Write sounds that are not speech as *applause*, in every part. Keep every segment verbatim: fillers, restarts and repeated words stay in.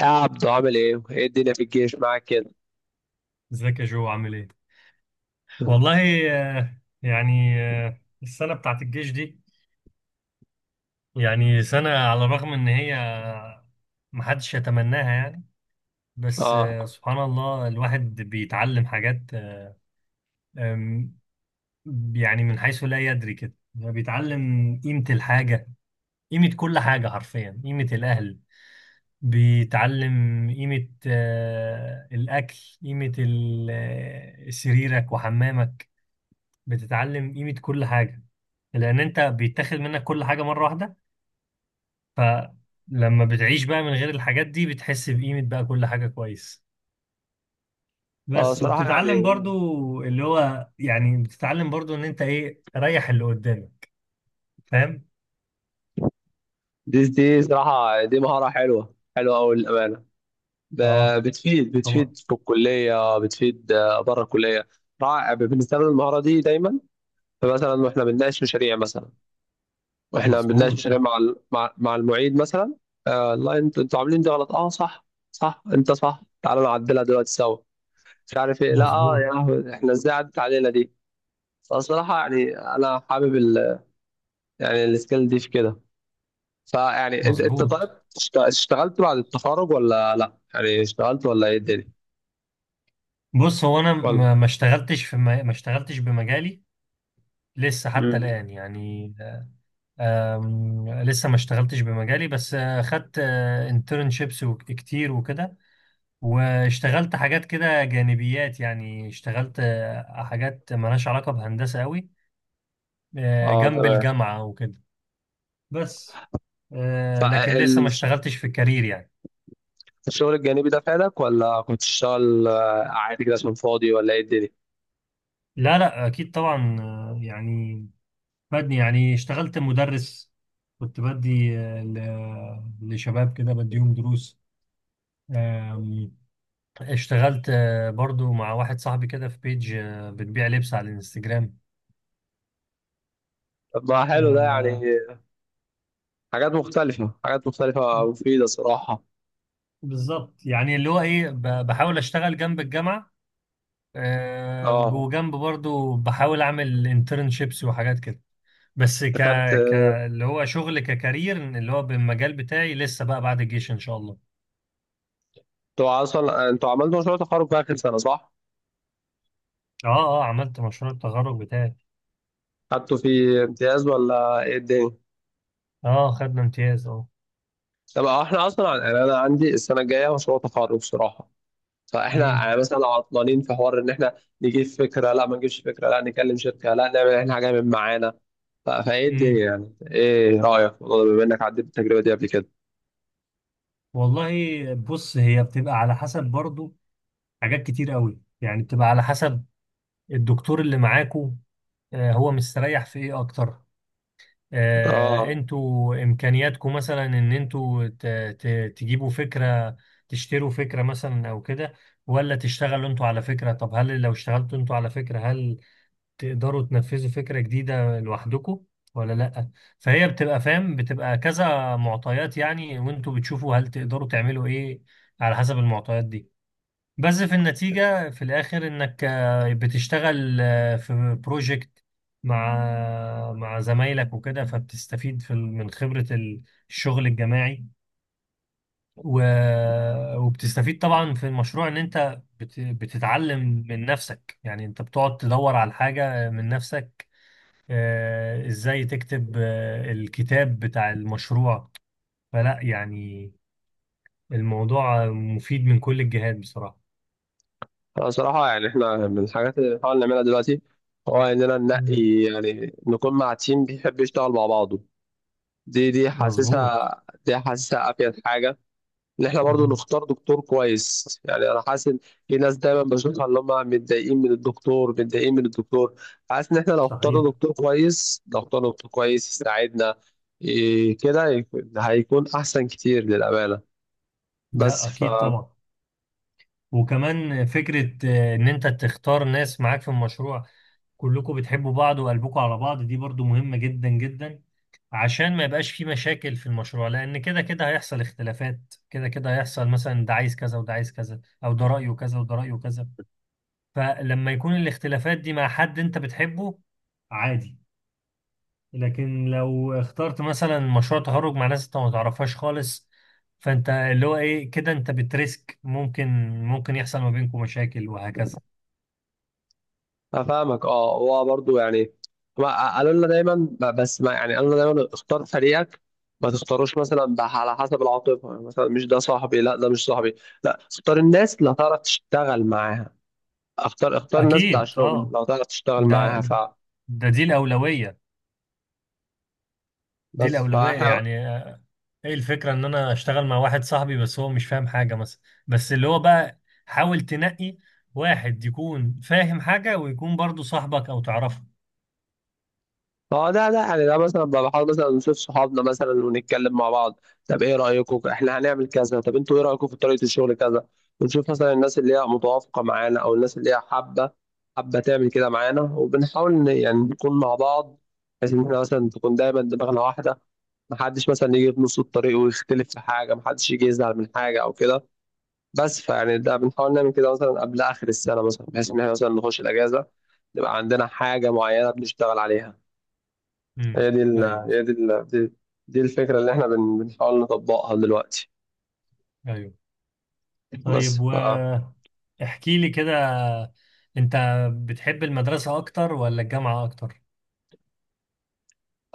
يا عبدو عامل ايه؟ ايه الدنيا في الجيش معاك كده؟ ازيك يا جو، عامل ايه؟ والله. آه، يعني آه، السنة بتاعت الجيش دي يعني سنة، على الرغم ان هي محدش يتمناها يعني. بس اه. آه، سبحان الله، الواحد بيتعلم حاجات آه، آم، يعني من حيث لا يدري كده، يعني بيتعلم قيمة الحاجة، قيمة كل حاجة، حرفيا قيمة الأهل. بيتعلم قيمة آه، الأكل، قيمة ال- آه، سريرك وحمامك. بتتعلم قيمة كل حاجة، لأن أنت بيتاخد منك كل حاجة مرة واحدة. فلما بتعيش بقى من غير الحاجات دي، بتحس بقيمة بقى كل حاجة كويس. اه بس صراحة يعني وبتتعلم برضو، اللي هو يعني بتتعلم برضو إن أنت إيه، ريح اللي قدامك. فاهم؟ دي دي صراحة دي مهارة حلوة حلوة أوي للأمانة، ب- آه، بتفيد طبعا. بتفيد في الكلية، بتفيد آه، بره الكلية. رائع، بنستخدم المهارة دي دايما. فمثلا واحنا بنناقش مشاريع، مثلا واحنا بنناقش مظبوط. مشاريع مع ال- مع, مع المعيد مثلا. آه لا انت- انتوا عاملين دي غلط، اه صح، صح انت صح، تعالوا نعدلها دلوقتي سوا، مش عارف ايه، لا اه يا مظبوط. لهوي، احنا ازاي عدت علينا دي. فالصراحة يعني أنا حابب يعني السكيل دي في كده. فيعني انت انت طيب مظبوط. اشت- اشتغلت بعد التخرج ولا لا، يعني اشتغلت ولا ايه الدنيا. بص، هو أنا ولا ما ما اشتغلتش في ما ما اشتغلتش بمجالي لسه حتى مم. الآن يعني. آم، لسه ما اشتغلتش بمجالي، بس آه، خدت انترنشيبس كتير وكده. واشتغلت حاجات كده جانبيات، يعني اشتغلت آه، حاجات مالهاش علاقة بهندسة قوي، آه، اه جنب تمام. الجامعة وكده بس. آه، لكن لسه ما اشتغلتش في الكارير يعني. فالشغل الجانبي ده فادك ولا كنت تشتغل آه، عادي كده عشان فاضي ولا ايه الدنيا. لا، لا، أكيد طبعا. آه، يعني بدني يعني اشتغلت مدرس. كنت بدي آه، ل- لشباب كده، بديهم دروس. اشتغلت آه، برضو مع واحد صاحبي كده في بيج، آه، بتبيع لبس على الانستجرام طب ما حلو ده يعني، آه، حاجات مختلفة، حاجات مختلفة مفيدة صراحة. بالظبط، يعني اللي هو ايه، ب- بحاول اشتغل جنب الجامعة، آه، اه. وجنب برضو بحاول اعمل انترنشيبس وحاجات كده. بس ك انت خدت، ك اللي هو شغل ككارير، اللي هو بالمجال بتاعي لسه بقى بعد الجيش ان شاء الله. انتوا اصلا، انتوا عملتوا مشروع تخرج في اخر سنة صح؟ اه. اه، عملت مشروع التخرج بتاعي. خدتوا فيه امتياز ولا ايه الدنيا؟ اه، خدنا امتياز، اه. طب احنا اصلا يعني انا عندي السنة الجاية مشروع تخرج صراحة، فاحنا امم. يعني مثلا لو عطلانين في حوار ان احنا نجيب فكره، لا ما نجيبش فكره، لا نكلم شركه، لا نعمل احنا حاجه من معانا. ف- فايه امم. الدنيا يعني، ايه رايك في الموضوع ده بما انك عديت التجربه دي قبل كده. والله، بص هي بتبقى على حسب برضو. حاجات كتير قوي يعني بتبقى على حسب الدكتور اللي معاكو، آه، هو مستريح في ايه اكتر، آه، اه. انتوا امكانياتكو مثلا ان انتوا ت- ت- تجيبوا فكرة، تشتروا فكرة مثلا او كده، ولا تشتغلوا انتوا على فكرة. طب هل لو اشتغلتوا انتوا على فكرة هل تقدروا تنفذوا فكرة جديدة لوحدكم ولا لا؟ فهي بتبقى فاهم، بتبقى كذا معطيات يعني، وانتوا بتشوفوا هل تقدروا تعملوا ايه على حسب المعطيات دي. بس في النتيجة في الآخر إنك آه، بتشتغل آه، في بروجكت مع مع زمايلك وكده، فبتستفيد في ال- من خبرة الشغل الجماعي، و- وبتستفيد طبعا في المشروع إن أنت بت- بتتعلم من نفسك، يعني أنت بتقعد تدور على الحاجة من نفسك، آه، إزاي تكتب آه، الكتاب بتاع المشروع. فلا يعني، الموضوع مفيد من كل الجهات بصراحة. انا صراحه يعني احنا من الحاجات اللي بنحاول نعملها دلوقتي هو اننا ننقي مم. يعني نكون مع تيم بيحب يشتغل مع بعضه. دي دي مظبوط. حاسسها، دي حاسسها افيد حاجه. ان احنا برضو نختار دكتور كويس، يعني انا حاسس ان في ناس دايما بشوفها اللي هم متضايقين من الدكتور، متضايقين من الدكتور. حاسس ان احنا لو اخترنا صحيح. دكتور كويس، لو اخترنا دكتور كويس يساعدنا، إيه كده يكون- هيكون احسن كتير للامانه. بس لا، ف، اكيد طبعا. وكمان فكره آه، ان انت تختار ناس معاك في المشروع، كلكم بتحبوا بعض وقلبكم على بعض، دي برضو مهمه جدا جدا، عشان ما يبقاش في مشاكل في المشروع. لان كده كده هيحصل اختلافات، كده كده هيحصل مثلا ده عايز كذا وده عايز كذا، او ده رايه كذا وده رايه كذا. فلما يكون الاختلافات دي مع حد انت بتحبه، عادي. لكن لو اخترت مثلا مشروع تخرج مع ناس انت ما تعرفهاش خالص، فانت اللي هو ايه كده انت بتريسك، ممكن ممكن يحصل ما بينكم مشاكل وهكذا. افهمك اه. هو برضو يعني ما- قالوا لنا دايما، ب- بس ما يعني قالوا لنا دايما اختار فريقك، ما تختاروش مثلا ب- على حسب العاطفه، يعني مثلا مش ده صاحبي، لا ده مش صاحبي، لا اختار الناس اللي هتعرف تشتغل معاها، اختار، اختار ناس بتاع اكيد، شغل اه. لو تعرف تشتغل ده معاها فعلا. ده دي الاولويه، دي بس الاولويه فاحنا يعني. ايه الفكره ان انا اشتغل مع واحد صاحبي بس هو مش فاهم حاجه مثلا. بس اللي هو بقى، حاول تنقي واحد يكون فاهم حاجه، ويكون برضو صاحبك او تعرفه. اه، ده ده يعني ده مثلا بقى بحاول مثلا نشوف صحابنا مثلا ونتكلم مع بعض، طب ايه رايكم احنا هنعمل كذا، طب انتوا ايه رايكم في طريقه الشغل كذا. ونشوف مثلا الناس اللي هي متوافقه معانا او الناس اللي هي حابه، حابه تعمل كده معانا، وبنحاول ن- يعني نكون مع بعض، بحيث ان احنا مثلا تكون دايما دماغنا واحده، محدش مثلا يجي في نص الطريق ويختلف في حاجه، محدش يجي يزعل من حاجه او كده. بس فيعني ده بنحاول نعمل كده مثلا قبل اخر السنه مثلا، بحيث ان احنا مثلا نخش الاجازه نبقى عندنا حاجه معينه بنشتغل عليها. امم. هي دي ال ايوه، هي دي ال دي, دي, الفكره اللي احنا بن- بنحاول نطبقها دلوقتي. ايوه. بس طيب، ف، احكي لي كده. انت بتحب المدرسة اكتر ولا الجامعة اكتر؟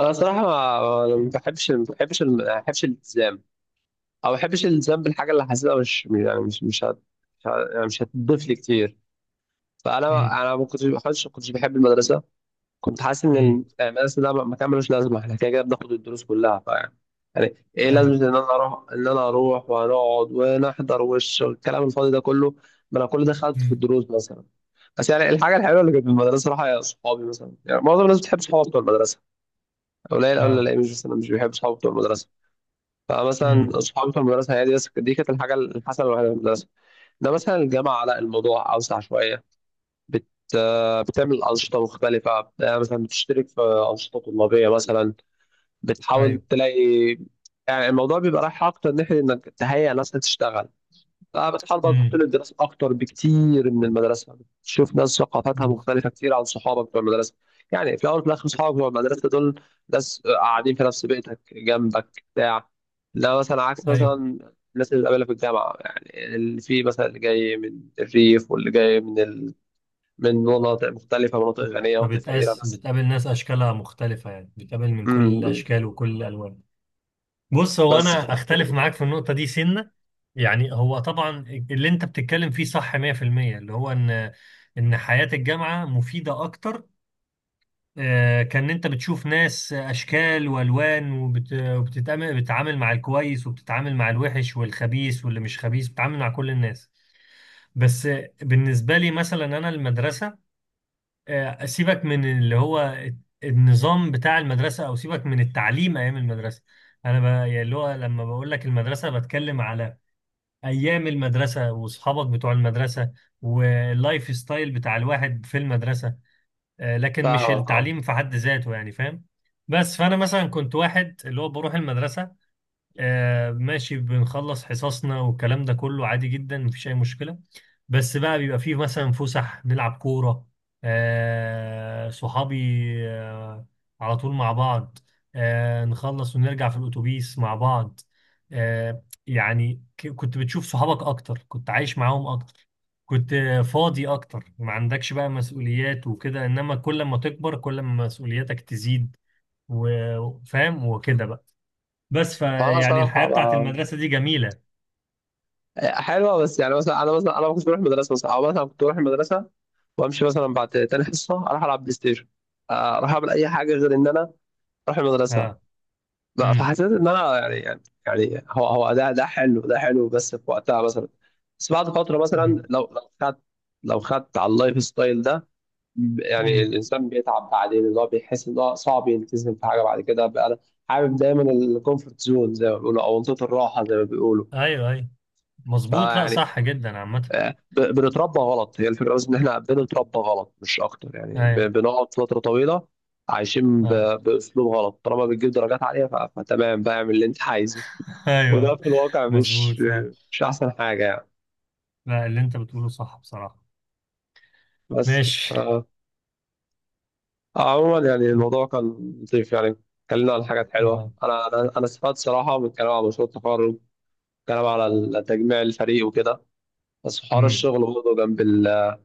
انا صراحه ما ما بحبش ما بحبش ما بحبش الالتزام، او ما بحبش الالتزام بالحاجه اللي حاسسها مش يعني مش مش هت مش هت- يعني مش هتضيف لي كتير. امم. فانا انا ما كنتش ما كنتش كنتش بحب المدرسه، كنت حاسس ان امم. المدرسه ده مكان ملوش لازمه، احنا كده كده بناخد الدروس كلها، فيعني يعني يعني ايه لازمه ايوه. ان انا اروح، ان انا اروح وهنقعد ونحضر والش- والكلام الفاضي ده كله، ما انا كل ده خدته في امم. الدروس مثلا. بس يعني الحاجه الحلوه اللي كانت في المدرسه صراحه هي صحابي مثلا، يعني معظم الناس بتحب صحابها بتوع المدرسه، قليل قوي اللي اه. الاقي مش مثلا مش بيحب صحابه بتوع المدرسه. امم. فمثلا صحابي بتوع المدرسه هي دي بس، دي كانت الحاجه الحسنه الوحيده في المدرسه. ده مثلا الجامعه لا، الموضوع اوسع شويه، بت... بتعمل أنشطة مختلفة، بت- مثلا بتشترك في أنشطة طلابية مثلا، بتحاول ايوه. تلاقي يعني الموضوع بيبقى رايح أكتر ناحية إنك تهيئ ناس تشتغل. فبتحاول بقى تحط امم. له الدراسة أكتر بكتير من المدرسة، بتشوف ناس ثقافاتها أمم. مختلفة كتير عن صحابك بتوع المدرسة. يعني في الأول وفي الآخر صحابك بتوع المدرسة دول ناس قاعدين في نفس بيتك جنبك بتاع، لا مثلا عكس ايوه. مثلا الناس اللي بتقابلها في الجامعة، يعني اللي في مثلا اللي جاي من الريف، واللي جاي من من مناطق مختلفة، مناطق أمم. غنية مناطق فقيرة. فبتقاس بس بتقابل ناس اشكالها مختلفة، يعني بتقابل من كل امم، الاشكال وكل الالوان. بص، هو بس ف، انا اختلف معاك في النقطة دي سنة. يعني هو طبعا اللي انت بتتكلم فيه صح مئة في المية، اللي هو ان ان حياة الجامعة مفيدة اكتر. آه، كان انت بتشوف ناس اشكال والوان، وبت... وبتتعامل، بتتعامل مع الكويس، وبتتعامل مع الوحش والخبيث واللي مش خبيث، بتتعامل مع كل الناس. بس آه، بالنسبه لي مثلا انا المدرسه، آه، سيبك من اللي هو النظام بتاع المدرسه، او سيبك من التعليم ايام المدرسه. انا ب... يعني اللي هو، لما بقول لك المدرسه بتكلم على ايام المدرسه واصحابك بتوع المدرسه واللايف ستايل بتاع الواحد في المدرسه، آه، لكن مش فاهمك اه. التعليم في حد ذاته، يعني فاهم. بس فانا مثلا كنت واحد اللي هو بروح المدرسه، آه ماشي، بنخلص حصصنا والكلام ده كله عادي جدا، مفيش أي مشكلة. بس بقى بيبقى فيه مثلا فسح، نلعب كورة، آه صحابي آه على طول مع بعض، آه نخلص ونرجع في الأتوبيس مع بعض. آه يعني ك- كنت بتشوف صحابك أكتر، كنت عايش معاهم أكتر، كنت آه، فاضي أكتر، ما عندكش بقى مسؤوليات وكده. إنما كل ما تكبر كل ما مسؤولياتك تزيد وفاهم وكده بقى. بس فأنا فيعني الحياة الصراحة بتاعت بقى، المدرسة دي جميلة. حلوة بس يعني مثلا أنا مثلا أنا ما كنتش بروح المدرسة مثلا، أو مثلا كنت بروح المدرسة وأمشي مثلا بعد تاني حصة، أروح ألعب بلاي ستيشن، آه، أروح أعمل أي حاجة غير إن أنا أروح المدرسة اه. بقى. امم. فحسيت إن أنا يعني يعني يعني هو هو ده ده حلو، ده حلو بس في وقتها مثلا، بس بعد فترة مثلا امم. لو لو خدت، لو خدت على اللايف ستايل ده، ب- يعني امم. الانسان بيتعب بعدين، اللي هو بيحس ان هو صعب يلتزم في حاجه بعد كده بقى. انا حابب دايما الكومفورت زون زي ما بيقولوا، او منطقه الراحه زي ما بيقولوا. ايوه، ايوه. مظبوط، لا فيعني صح جدا عامة. آه، ب- بنتربى غلط، هي الفكره بس ان احنا بنتربى غلط مش اكتر، يعني ب- ايوه. بنقعد فتره طويله عايشين اه. ب- باسلوب غلط، طالما بتجيب درجات عاليه ف- فتمام بقى اعمل اللي انت عايزه. *laughs* ايوه. وده في الواقع مظبوط، مش، صح. مش احسن حاجه يعني. لا، اللي انت بتقوله صح بصراحة. بس ماشي. آه. عموما يعني الموضوع كان لطيف يعني، اتكلمنا عن حاجات اه. حلوة، أنا أنا أنا استفدت صراحة من الكلام على مشروع التخرج، الكلام على تجميع الفريق وكده. بس حوار امم. الشغل برضه جنب ال...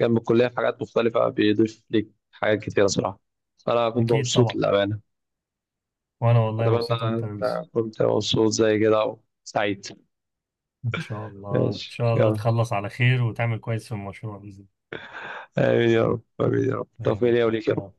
جنب الكلية في حاجات مختلفة بيضيف ليك حاجات كتيرة صراحة. أنا كنت اكيد مبسوط طبعا. للأمانة. وانا والله أتمنى مبسوط اكتر يا يوسف. أنت كنت مبسوط زي كده وسعيد. ان شاء الله، ان ماشي شاء الله يلا. تخلص على خير وتعمل كويس في المشروع بإذن آمين يا رب، آمين يا رب، الله. توفيق آمين. لي وليك. آه.